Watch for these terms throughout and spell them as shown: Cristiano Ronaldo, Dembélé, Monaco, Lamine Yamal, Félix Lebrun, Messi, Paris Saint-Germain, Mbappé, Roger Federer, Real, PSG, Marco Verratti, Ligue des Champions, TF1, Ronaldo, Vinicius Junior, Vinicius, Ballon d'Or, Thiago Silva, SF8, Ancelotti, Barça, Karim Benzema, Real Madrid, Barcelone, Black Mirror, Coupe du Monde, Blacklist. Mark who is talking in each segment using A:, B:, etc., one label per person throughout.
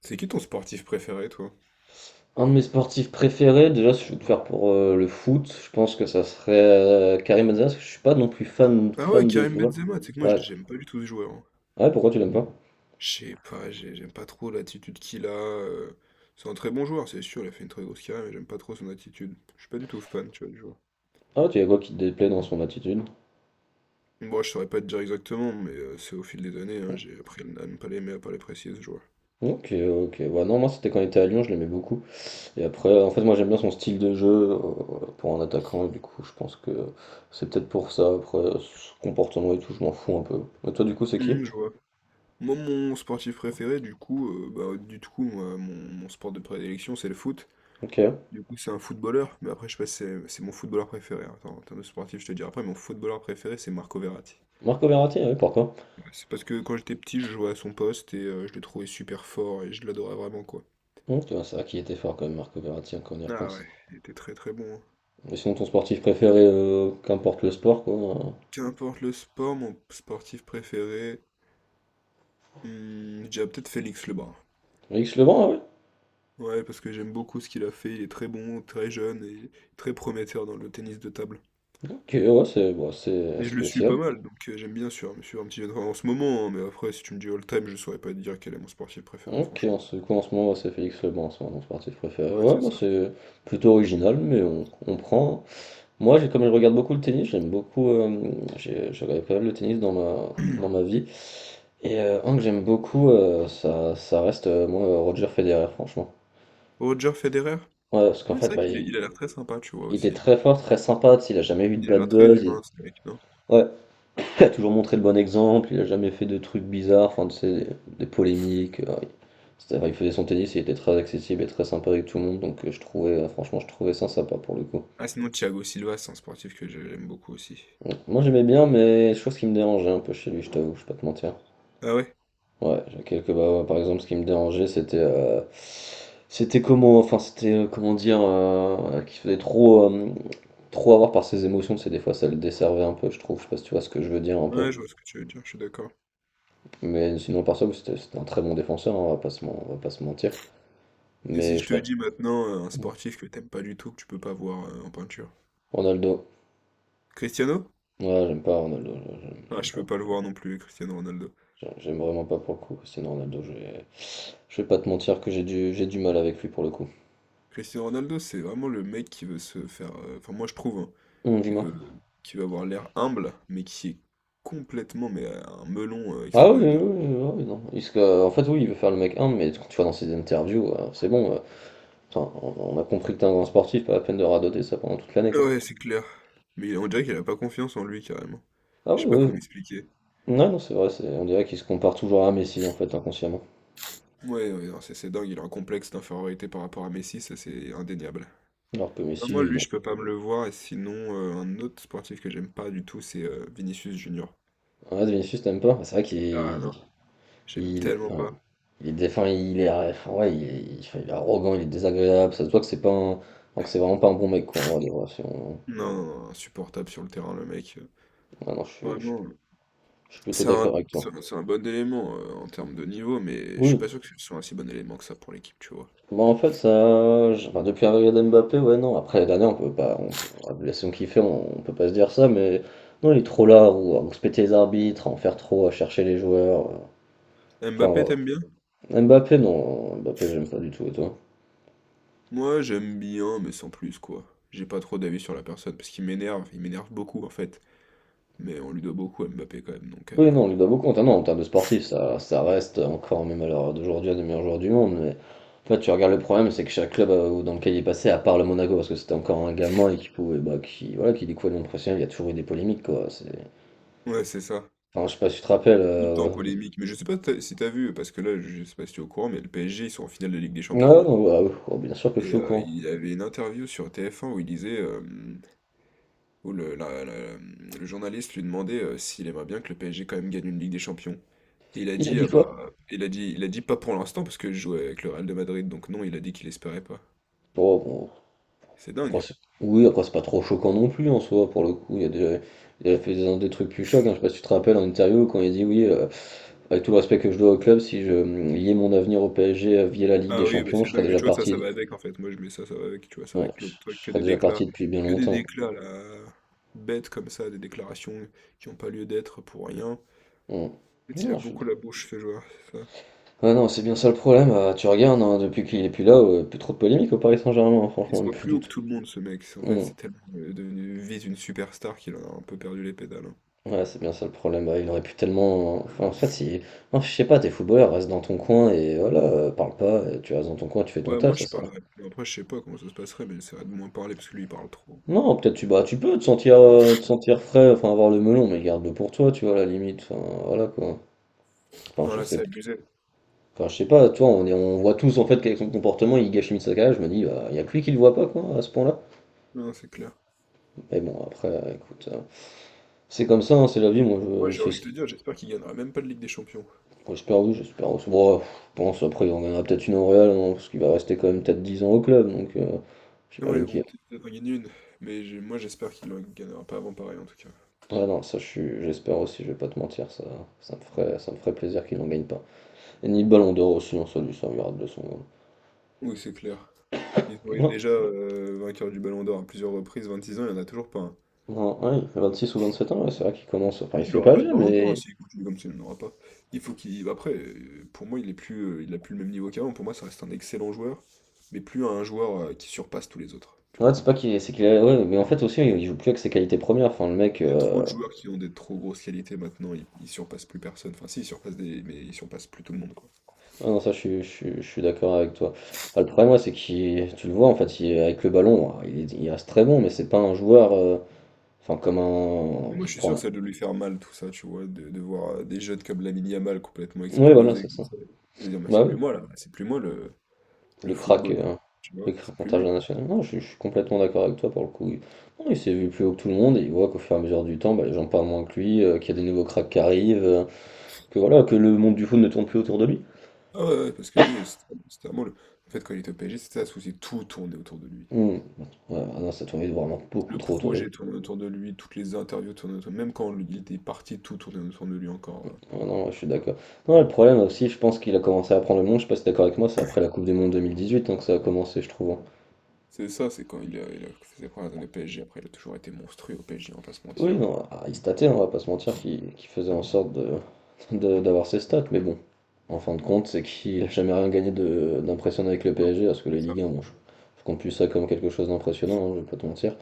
A: C'est qui ton sportif préféré, toi?
B: Un de mes sportifs préférés, déjà si je veux te faire pour le foot, je pense que ça serait Karim Benzema, parce que je suis pas non plus fan,
A: Ah ouais,
B: fan de
A: Karim
B: joueur.
A: Benzema, tu sais que moi
B: Ouais.
A: j'aime pas du tout ce joueur, hein.
B: Ouais, pourquoi tu l'aimes pas?
A: Je sais pas, j'aime pas trop l'attitude qu'il a. C'est un très bon joueur, c'est sûr, il a fait une très grosse carrière, mais j'aime pas trop son attitude. Je suis pas du tout fan, tu vois, du joueur.
B: Ah, tu y a quoi qui te déplaît dans son attitude?
A: Bon, je saurais pas te dire exactement, mais c'est au fil des années, hein, j'ai appris à ne pas l'aimer, à pas l'apprécier, ce joueur.
B: Ok, ok. Ouais, non, moi c'était quand il était à Lyon, je l'aimais beaucoup. Et après, en fait, moi j'aime bien son style de jeu, euh, pour un attaquant, et du coup, je pense que c'est peut-être pour ça. Après, son comportement et tout, je m'en fous un peu. Mais toi, du coup, c'est qui?
A: Je vois. Moi, mon sportif préféré, du coup, bah, du coup, moi, mon sport de prédilection, c'est le foot.
B: Ok.
A: Du coup, c'est un footballeur, mais après, je sais pas si c'est mon footballeur préféré, hein. Attends, en termes de sportif, je te dis après, mon footballeur préféré, c'est Marco Verratti.
B: Marco Verratti, oui, pourquoi?
A: Ouais, c'est parce que quand j'étais petit, je jouais à son poste et je le trouvais super fort et je l'adorais vraiment, quoi.
B: Tu vois, c'est vrai qu'il était fort quand même, Marco Verratti, hein, quand on y
A: Ah
B: repense.
A: ouais, il était très très bon, hein.
B: Et sinon, ton sportif préféré, qu'importe le sport, quoi.
A: Qu'importe le sport, mon sportif préféré, je dirais peut-être Félix Lebrun.
B: Félix Lebrun, ah ouais.
A: Ouais, parce que j'aime beaucoup ce qu'il a fait, il est très bon, très jeune et très prometteur dans le tennis de table.
B: Ok, ouais, c'est bah, c'est
A: Et je le suis pas
B: spécial.
A: mal, donc j'aime bien sûr, me suivre un petit peu en ce moment, hein, mais après, si tu me dis all-time, je saurais pas te dire quel est mon sportif préféré,
B: Ok,
A: franchement.
B: en ce, quoi, en ce moment, ouais, c'est Félix Lebrun, c'est mon sportif préféré.
A: Ouais,
B: Ouais,
A: c'est
B: moi,
A: ça.
B: c'est plutôt original, mais on prend. Moi, j'ai, comme je regarde beaucoup le tennis, j'aime beaucoup. J'ai, je regardais pas mal le tennis dans ma vie. Et un que j'aime beaucoup, ça reste, moi, Roger Federer, franchement.
A: Roger Federer?
B: Ouais, parce qu'en
A: Ah,
B: fait,
A: c'est vrai
B: bah,
A: qu'
B: il,
A: il a l'air très sympa, tu vois,
B: il était
A: aussi.
B: très fort, très sympa, tu sais, il a jamais eu de
A: Il a
B: bad
A: l'air très
B: buzz.
A: humain, ce mec, non?
B: Ouais, il a toujours montré le bon exemple, il a jamais fait de trucs bizarres, enfin, tu sais, des polémiques. Il faisait son tennis, il était très accessible et très sympa avec tout le monde, donc je trouvais, franchement, je trouvais ça sympa pour le coup.
A: Ah, sinon, Thiago Silva, c'est un sportif que j'aime beaucoup aussi.
B: Donc, moi j'aimais bien, mais chose qui me dérangeait un peu chez lui, je t'avoue, je vais pas te mentir.
A: Ah ouais?
B: Ouais, j'ai quelques. Bah, ouais, par exemple, ce qui me dérangeait, c'était. C'était comment. Enfin, c'était. Comment dire. Qu'il faisait trop avoir par ses émotions, c'est des fois ça le desservait un peu, je trouve. Je sais pas si tu vois ce que je veux dire un peu.
A: Ouais, je vois ce que tu veux dire, je suis d'accord.
B: Mais sinon, par ça, oui, c'était un très bon défenseur, hein, on va pas se mentir.
A: Et si
B: Mais
A: je
B: je
A: te
B: sais pas.
A: dis maintenant un sportif que t'aimes pas du tout, que tu peux pas voir en peinture?
B: Ronaldo.
A: Cristiano?
B: Ouais, j'aime pas Ronaldo, je- j'aime
A: Ah,
B: j'aime
A: je peux
B: pas.
A: pas le voir non plus, Cristiano Ronaldo.
B: J'aime vraiment pas pour le coup. Sinon, Ronaldo, je vais pas te mentir que j'ai du mal avec lui pour le coup.
A: Cristiano Ronaldo, c'est vraiment le mec qui veut se faire... Enfin, moi, je trouve, hein, qui
B: Dis-moi.
A: veut, qui veut avoir l'air humble, mais qui est complètement, mais un melon
B: Ah oui, oui,
A: extraordinaire.
B: oui, oui, oui, non. En fait, oui, il veut faire le mec humble, mais quand tu vois dans ses interviews, c'est bon. Putain, on a compris que t'es un grand sportif, pas la peine de radoter ça pendant toute l'année, quoi.
A: Ouais, c'est clair. Mais on dirait qu'il a pas confiance en lui carrément.
B: Ah
A: Je
B: oui,
A: sais pas comment
B: oui.
A: expliquer.
B: Non, non, c'est vrai, on dirait qu'il se compare toujours à Messi, en fait, inconsciemment.
A: Ouais, ouais, non, c'est dingue, il a un complexe d'infériorité par rapport à Messi, ça c'est indéniable.
B: Alors que
A: Non, moi,
B: Messi,
A: lui, je peux pas me le voir, et sinon, un autre sportif que j'aime pas du tout, c'est Vinicius Junior.
B: ouais, Vinicius, t'aimes pas? C'est vrai qu'
A: Ah non,
B: est-
A: j'aime
B: il,
A: tellement
B: enfin,
A: pas.
B: il est défend, il est, ouais, enfin, ouais, il est, il enfin, il est arrogant, il est désagréable. Ça se voit que c'est pas un, enfin, que c'est vraiment pas un bon mec, quoi. En vrai, de vrai, si on-
A: Non, non, non, insupportable sur le terrain, le mec.
B: ouais, non, je suis, je suis
A: Vraiment,
B: je suis plutôt
A: c'est
B: d'accord
A: un,
B: avec
A: c'est
B: toi.
A: un c'est un bon élément en termes de niveau, mais je suis
B: Oui.
A: pas sûr que ce soit un si bon élément que ça pour l'équipe, tu vois.
B: Bon, en fait, enfin, depuis l'arrivée d'Mbappé, ouais, non. Après les dernières, on peut pas, on peut, la saison qu'il fait, on peut pas se dire ça, mais non, il est trop là, ou à respecter les arbitres, à en faire trop, à chercher les joueurs. Enfin,
A: Mbappé,
B: voilà.
A: t'aimes bien?
B: Mbappé, non, Mbappé, j'aime pas du tout, et toi?
A: Moi, j'aime bien, mais sans plus, quoi. J'ai pas trop d'avis sur la personne, parce qu'il m'énerve, il m'énerve beaucoup, en fait. Mais on lui doit beaucoup à Mbappé, quand même, donc...
B: Oui, non, on lui doit beaucoup. Ah non, en termes de sportif, ça reste encore, même à l'heure d'aujourd'hui, un des meilleurs joueurs du monde. Mais en fait, tu regardes le problème, c'est que chaque club dans lequel il est passé, à part le Monaco, parce que c'était encore un gamin et qui pouvait, bah, qui, voilà, qui découvrait le monde professionnel, il y a toujours eu des polémiques, quoi. C'est...
A: Ouais, c'est ça.
B: Enfin, je sais pas si tu te rappelles.
A: Tout le temps polémique. Mais je sais pas si t'as vu, parce que là, je sais pas si tu es au courant, mais le PSG, ils sont en finale de Ligue des Champions,
B: Non,
A: là.
B: non, voilà, oui. Oh, bien sûr que je
A: Et
B: suis au courant.
A: il avait une interview sur TF1 où il disait... où le journaliste lui demandait s'il aimerait bien que le PSG, quand même, gagne une Ligue des Champions. Et il a
B: Il a
A: dit,
B: dit
A: ah
B: quoi?
A: bah... il a dit pas pour l'instant, parce que je jouais avec le Real de Madrid, donc non, il a dit qu'il espérait pas.
B: Oh, bon,
A: C'est
B: après,
A: dingue.
B: oui, après, c'est pas trop choquant non plus en soi, pour le coup. Il y a déjà... il a fait des trucs plus chocs, hein. Je sais pas si tu te rappelles en interview quand il dit oui. Avec tout le respect que je dois au club, si je liais mon avenir au PSG via la Ligue des
A: Ah oui, bah
B: Champions,
A: c'est
B: je serais
A: dingue, mais
B: déjà
A: tu vois, ça
B: parti.
A: va avec en fait. Moi, je mets ça, ça va avec, tu vois, ça va
B: Ouais,
A: avec
B: je
A: l'autre
B: je
A: truc, que
B: serais
A: des
B: déjà
A: déclats,
B: parti depuis bien
A: que des
B: longtemps. Quoi.
A: déclats là, bêtes comme ça, des déclarations qui n'ont pas lieu d'être pour rien. En
B: Mm.
A: fait, il a
B: Non, je suis...
A: beaucoup la bouche, ce joueur, c'est ça.
B: Ah non, c'est bien ça le problème. Tu regardes, hein, depuis qu'il est plus là, plus trop de polémique au Paris Saint-Germain, hein,
A: Il
B: franchement,
A: se
B: même
A: voit
B: plus
A: plus
B: du
A: haut que
B: tout.
A: tout le monde, ce mec. En fait,
B: Mm.
A: c'est tellement devenu vise une superstar qu'il en a un peu perdu les pédales, hein.
B: Ouais, c'est bien ça le problème. Bah, il aurait pu tellement. Enfin, en fait, si. Non, je sais pas, t'es footballeur, reste dans ton coin et voilà, parle pas, et tu restes dans ton coin, tu fais ton
A: Ouais, moi,
B: taf, ça
A: je
B: sert.
A: parlerais plus. Après, je sais pas comment ça se passerait, mais j'essaierais de moins parler parce que lui, il parle trop.
B: Non, peut-être tu bah, tu peux te sentir frais, enfin avoir le melon, mais garde-le pour toi, tu vois, à la limite. Enfin, voilà quoi. Enfin,
A: Non,
B: je
A: là,
B: sais,
A: c'est abusé.
B: enfin, je sais pas, toi, on est, on voit tous en fait qu'avec son comportement, il gâche sa. Je me dis, bah, il y a que lui qui le voit pas, quoi, à ce point-là.
A: Non, c'est clair.
B: Mais bon, après, écoute, c'est comme ça, hein, c'est la vie. Moi,
A: Ouais,
B: je, il
A: j'ai
B: fait
A: envie de
B: ce
A: te
B: qu'il-
A: dire, j'espère qu'il gagnera même pas de Ligue des Champions.
B: j'espère, oui, j'espère. Bon, ouais, je pense, après, il en gagnera peut-être une en Real, hein, parce qu'il va rester quand même peut-être 10 ans au club, donc
A: Oui,
B: j'imagine
A: bon,
B: qu'il.
A: peut-être qu'on va gagner une, mais moi j'espère qu'il en gagnera pas avant pareil en tout cas.
B: Ouais, non, ça, je suis, j'espère aussi, je vais pas te mentir, ça me ferait plaisir qu'il n'en gagne pas. Et ni le ballon d'or aussi, non ça lui servira de leçon.
A: Oui, c'est clair. Il est oui,
B: Non,
A: déjà vainqueur du Ballon d'Or à plusieurs reprises, 26 ans, il n'y en a toujours pas un.
B: non, ouais, il a 26 ou sept ans, ouais, c'est vrai qu'il commence, enfin, il se
A: Il
B: fait
A: n'aura
B: pas
A: pas de
B: vieux,
A: Ballon d'Or, hein,
B: mais.
A: s'il continue comme ça, il n'en aura pas. Il faut qu'il. Après, pour moi, il a plus le même niveau qu'avant. Pour moi, ça reste un excellent joueur, mais plus un joueur qui surpasse tous les autres. Tu
B: Ouais,
A: vois.
B: c'est pas qu'il c'est qu'il a... ouais, mais en fait aussi il joue plus avec ses qualités premières. Enfin le mec,
A: Il y a trop de joueurs qui ont des trop grosses qualités maintenant, ils surpassent plus personne. Enfin, si, mais ils surpassent plus tout le monde.
B: ah non ça je suis d'accord avec toi. Enfin, le problème ouais, c'est qu'il, tu le vois en fait, il- avec le ballon, hein, il, est- il reste très bon, mais c'est pas un joueur, enfin comme un, je
A: Moi, je suis sûr que
B: prends,
A: ça doit lui faire mal, tout ça, tu vois, de voir des jeunes comme Lamine Yamal complètement
B: ouais voilà
A: exploser,
B: c'est
A: comme
B: ça.
A: ça. Et de dire, mais c'est
B: Bah
A: plus
B: oui,
A: moi, là, c'est plus moi le
B: le crack,
A: football,
B: euh,
A: quoi. Tu vois,
B: le
A: c'est
B: crack
A: plus lui.
B: international. Non, je suis complètement d'accord avec toi pour le coup. Il, non, il s'est vu plus haut que tout le monde et il voit qu'au fur et à mesure du temps, bah, les gens parlent moins que lui, qu'il y a des nouveaux cracks qui arrivent, que voilà, que le monde du foot ne tourne plus autour de lui.
A: Ah ouais, ouais, parce que lui, c'était vraiment le... En fait, quand il était au PSG, c'était ça le souci, tout tournait autour de lui.
B: Mmh. Ouais, ah non, ça tournait vraiment beaucoup
A: Le
B: trop autour de
A: projet
B: lui.
A: tournait autour de lui, toutes les interviews tournaient autour de lui, même quand il était parti, tout tournait autour de lui encore.
B: Ah non, ouais, je suis d'accord. Non, le problème aussi, je pense qu'il a commencé à prendre le monde, je sais pas si t'es d'accord avec moi, c'est après la Coupe du Monde 2018 hein, que ça a commencé, je trouve. Hein.
A: C'est ça, c'est quand il a fait ses premières années au PSG, après, il a toujours été monstrueux au PSG, on va pas se
B: Oui,
A: mentir.
B: non, Aris Tate, on va pas se mentir, qu'il faisait en sorte de, d'avoir ses stats, mais bon, en fin de compte, c'est qu'il a jamais rien gagné d'impressionnant avec le
A: Non,
B: PSG, parce que
A: c'est
B: les
A: ça.
B: Ligue un bon, je compte plus ça comme quelque chose d'impressionnant, hein, je vais pas te mentir.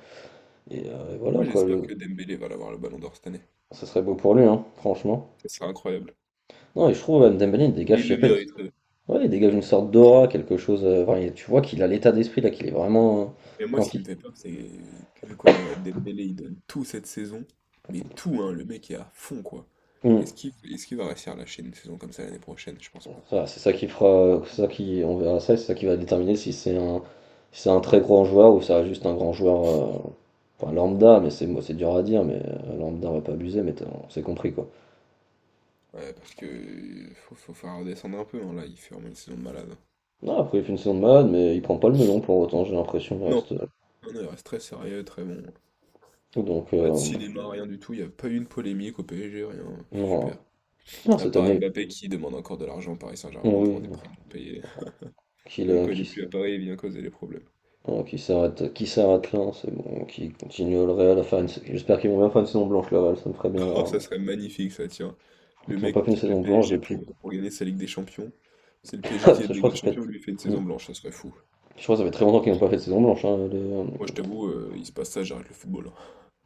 B: Et
A: Moi,
B: voilà, quoi,
A: j'espère
B: le-
A: que Dembélé va l'avoir le ballon d'or cette année.
B: ça serait beau pour lui, hein, franchement.
A: Ce serait incroyable.
B: Non, et je trouve Dembélé, il
A: Et
B: dégage, je
A: il
B: sais
A: le
B: pas,
A: mériterait.
B: ouais, il dégage une sorte d'aura, quelque chose, enfin, il tu vois qu'il a l'état d'esprit là, qu'il est vraiment
A: Mais moi, ce qui me
B: impliqué.
A: fait peur, c'est que vu comment Dembélé il donne tout cette saison, mais tout, hein, le mec est à fond, quoi.
B: Mmh.
A: Est-ce qu'il va réussir à lâcher une saison comme ça l'année prochaine? Je pense pas.
B: Voilà, c'est ça qui fera c'est ça qui on verra ça et c'est ça qui va déterminer si c'est un très grand joueur ou ça reste juste un grand joueur, enfin lambda, mais c'est moi c'est dur à dire, mais lambda on va pas abuser, mais tu on s'est compris quoi.
A: Ouais, parce que faut faire redescendre un peu, hein, là, il fait vraiment une saison de malade, hein.
B: Non, après il fait une saison de malade, mais il prend pas le melon pour autant, j'ai l'impression, il
A: Non.
B: reste,
A: Non, non, il reste très sérieux, très bon, hein.
B: donc
A: Pas de cinéma, rien du tout, il n'y a pas eu une polémique au PSG, rien.
B: non.
A: Super.
B: Non
A: À
B: cette
A: part
B: année
A: Mbappé qui demande encore de l'argent au Paris Saint-Germain
B: oui,
A: pour des primes non payées.
B: qu'il,
A: Même
B: heu,
A: quand il est
B: qu'il
A: plus à Paris, il vient causer des problèmes.
B: bon, qui s'arrête là, c'est bon, qui continue le Real à faire une... J'espère qu'ils vont bien faire une saison blanche, le Real, ça me ferait bien
A: Oh, ça
B: rire.
A: serait magnifique ça, tiens.
B: Je crois
A: Le
B: qu'ils n'ont pas
A: mec
B: fait une
A: quitte le
B: saison blanche
A: PSG
B: depuis...
A: pour gagner sa Ligue des Champions. C'est le PSG qui
B: Parce que
A: gagne la
B: je
A: Ligue
B: crois
A: des
B: que ça fait...
A: Champions, lui il fait une
B: Hmm.
A: saison blanche, ça serait fou.
B: Je crois que ça fait très longtemps qu'ils n'ont pas fait de saison blanche. Hein,
A: Moi je t'avoue, il se passe ça, j'arrête le football, hein.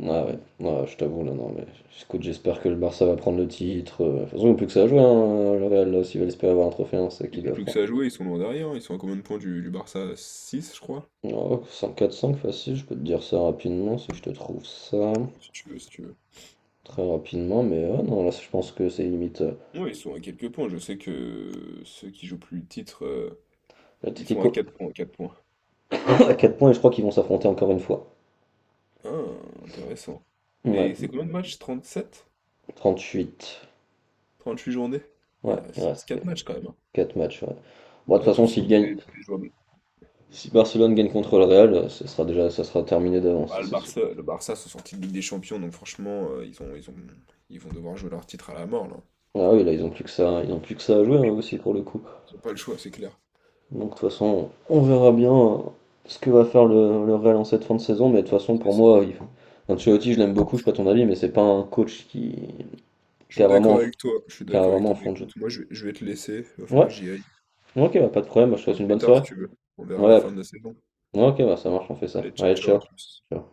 B: ah ouais, ah, je t'avoue, là, non, mais écoute, j'espère que le Barça va prendre le titre. De toute façon, ils n'ont plus que ça à jouer, hein, le Real, là, s'ils veulent espérer avoir un trophée, hein, c'est
A: Ils
B: qu'ils
A: ont
B: doivent
A: plus que
B: prendre.
A: ça à jouer, ils sont loin derrière, hein. Ils sont à combien de points du Barça? 6 je crois.
B: Oh, 5 4 facile, je peux te dire ça rapidement si je te trouve ça.
A: Si tu veux, si tu veux.
B: Très rapidement, mais ah, non, là, je pense que c'est limite...
A: Ouais, ils sont à quelques points, je sais que ceux qui jouent plus le titre, ils sont à
B: L'Atlético,
A: 4 points, 4 points.
B: à 4 points et je crois qu'ils vont s'affronter encore une fois.
A: Ah, intéressant. Et c'est
B: Ouais,
A: combien de matchs? Trente
B: trente-huit.
A: 38 journées? Ah,
B: Ouais,
A: il
B: il
A: reste
B: reste
A: 4 matchs quand même, hein.
B: 4 matchs. Ouais. Bon, de toute
A: Ah,
B: façon,
A: tous, tout est jouable.
B: si Barcelone gagne contre le Real, ça sera déjà ça sera terminé d'avance,
A: Bah,
B: c'est sûr.
A: Le Barça sont sortis de Ligue des Champions, donc franchement, ils ont, ils vont devoir jouer leur titre à la mort, là.
B: Ah oui, là, ils ont plus que ça, ils ont plus que ça à jouer hein, aussi pour le coup.
A: Ils n'ont pas le choix, c'est clair.
B: Donc, de toute façon, on verra bien ce que va faire le Real en cette fin de saison, mais de toute façon,
A: C'est
B: pour
A: ça.
B: moi, il... Ancelotti, je l'aime beaucoup, je sais pas ton avis, mais c'est pas un coach qui,
A: Je
B: qui
A: suis
B: a vraiment
A: d'accord
B: un,
A: avec toi, je suis d'accord avec toi. Mais
B: fond de jeu.
A: écoute, moi, je vais te laisser, il va falloir
B: Ouais,
A: que j'y aille.
B: ok, bah, pas de problème, je
A: On
B: te souhaite
A: parle
B: une
A: plus
B: bonne
A: tard si
B: soirée.
A: tu veux. On verra la
B: Ouais, à
A: fin
B: plus.
A: de la saison.
B: Ok, bah ça marche, on fait ça.
A: Allez, ciao,
B: Allez,
A: ciao,
B: ciao.
A: à plus.
B: Ciao.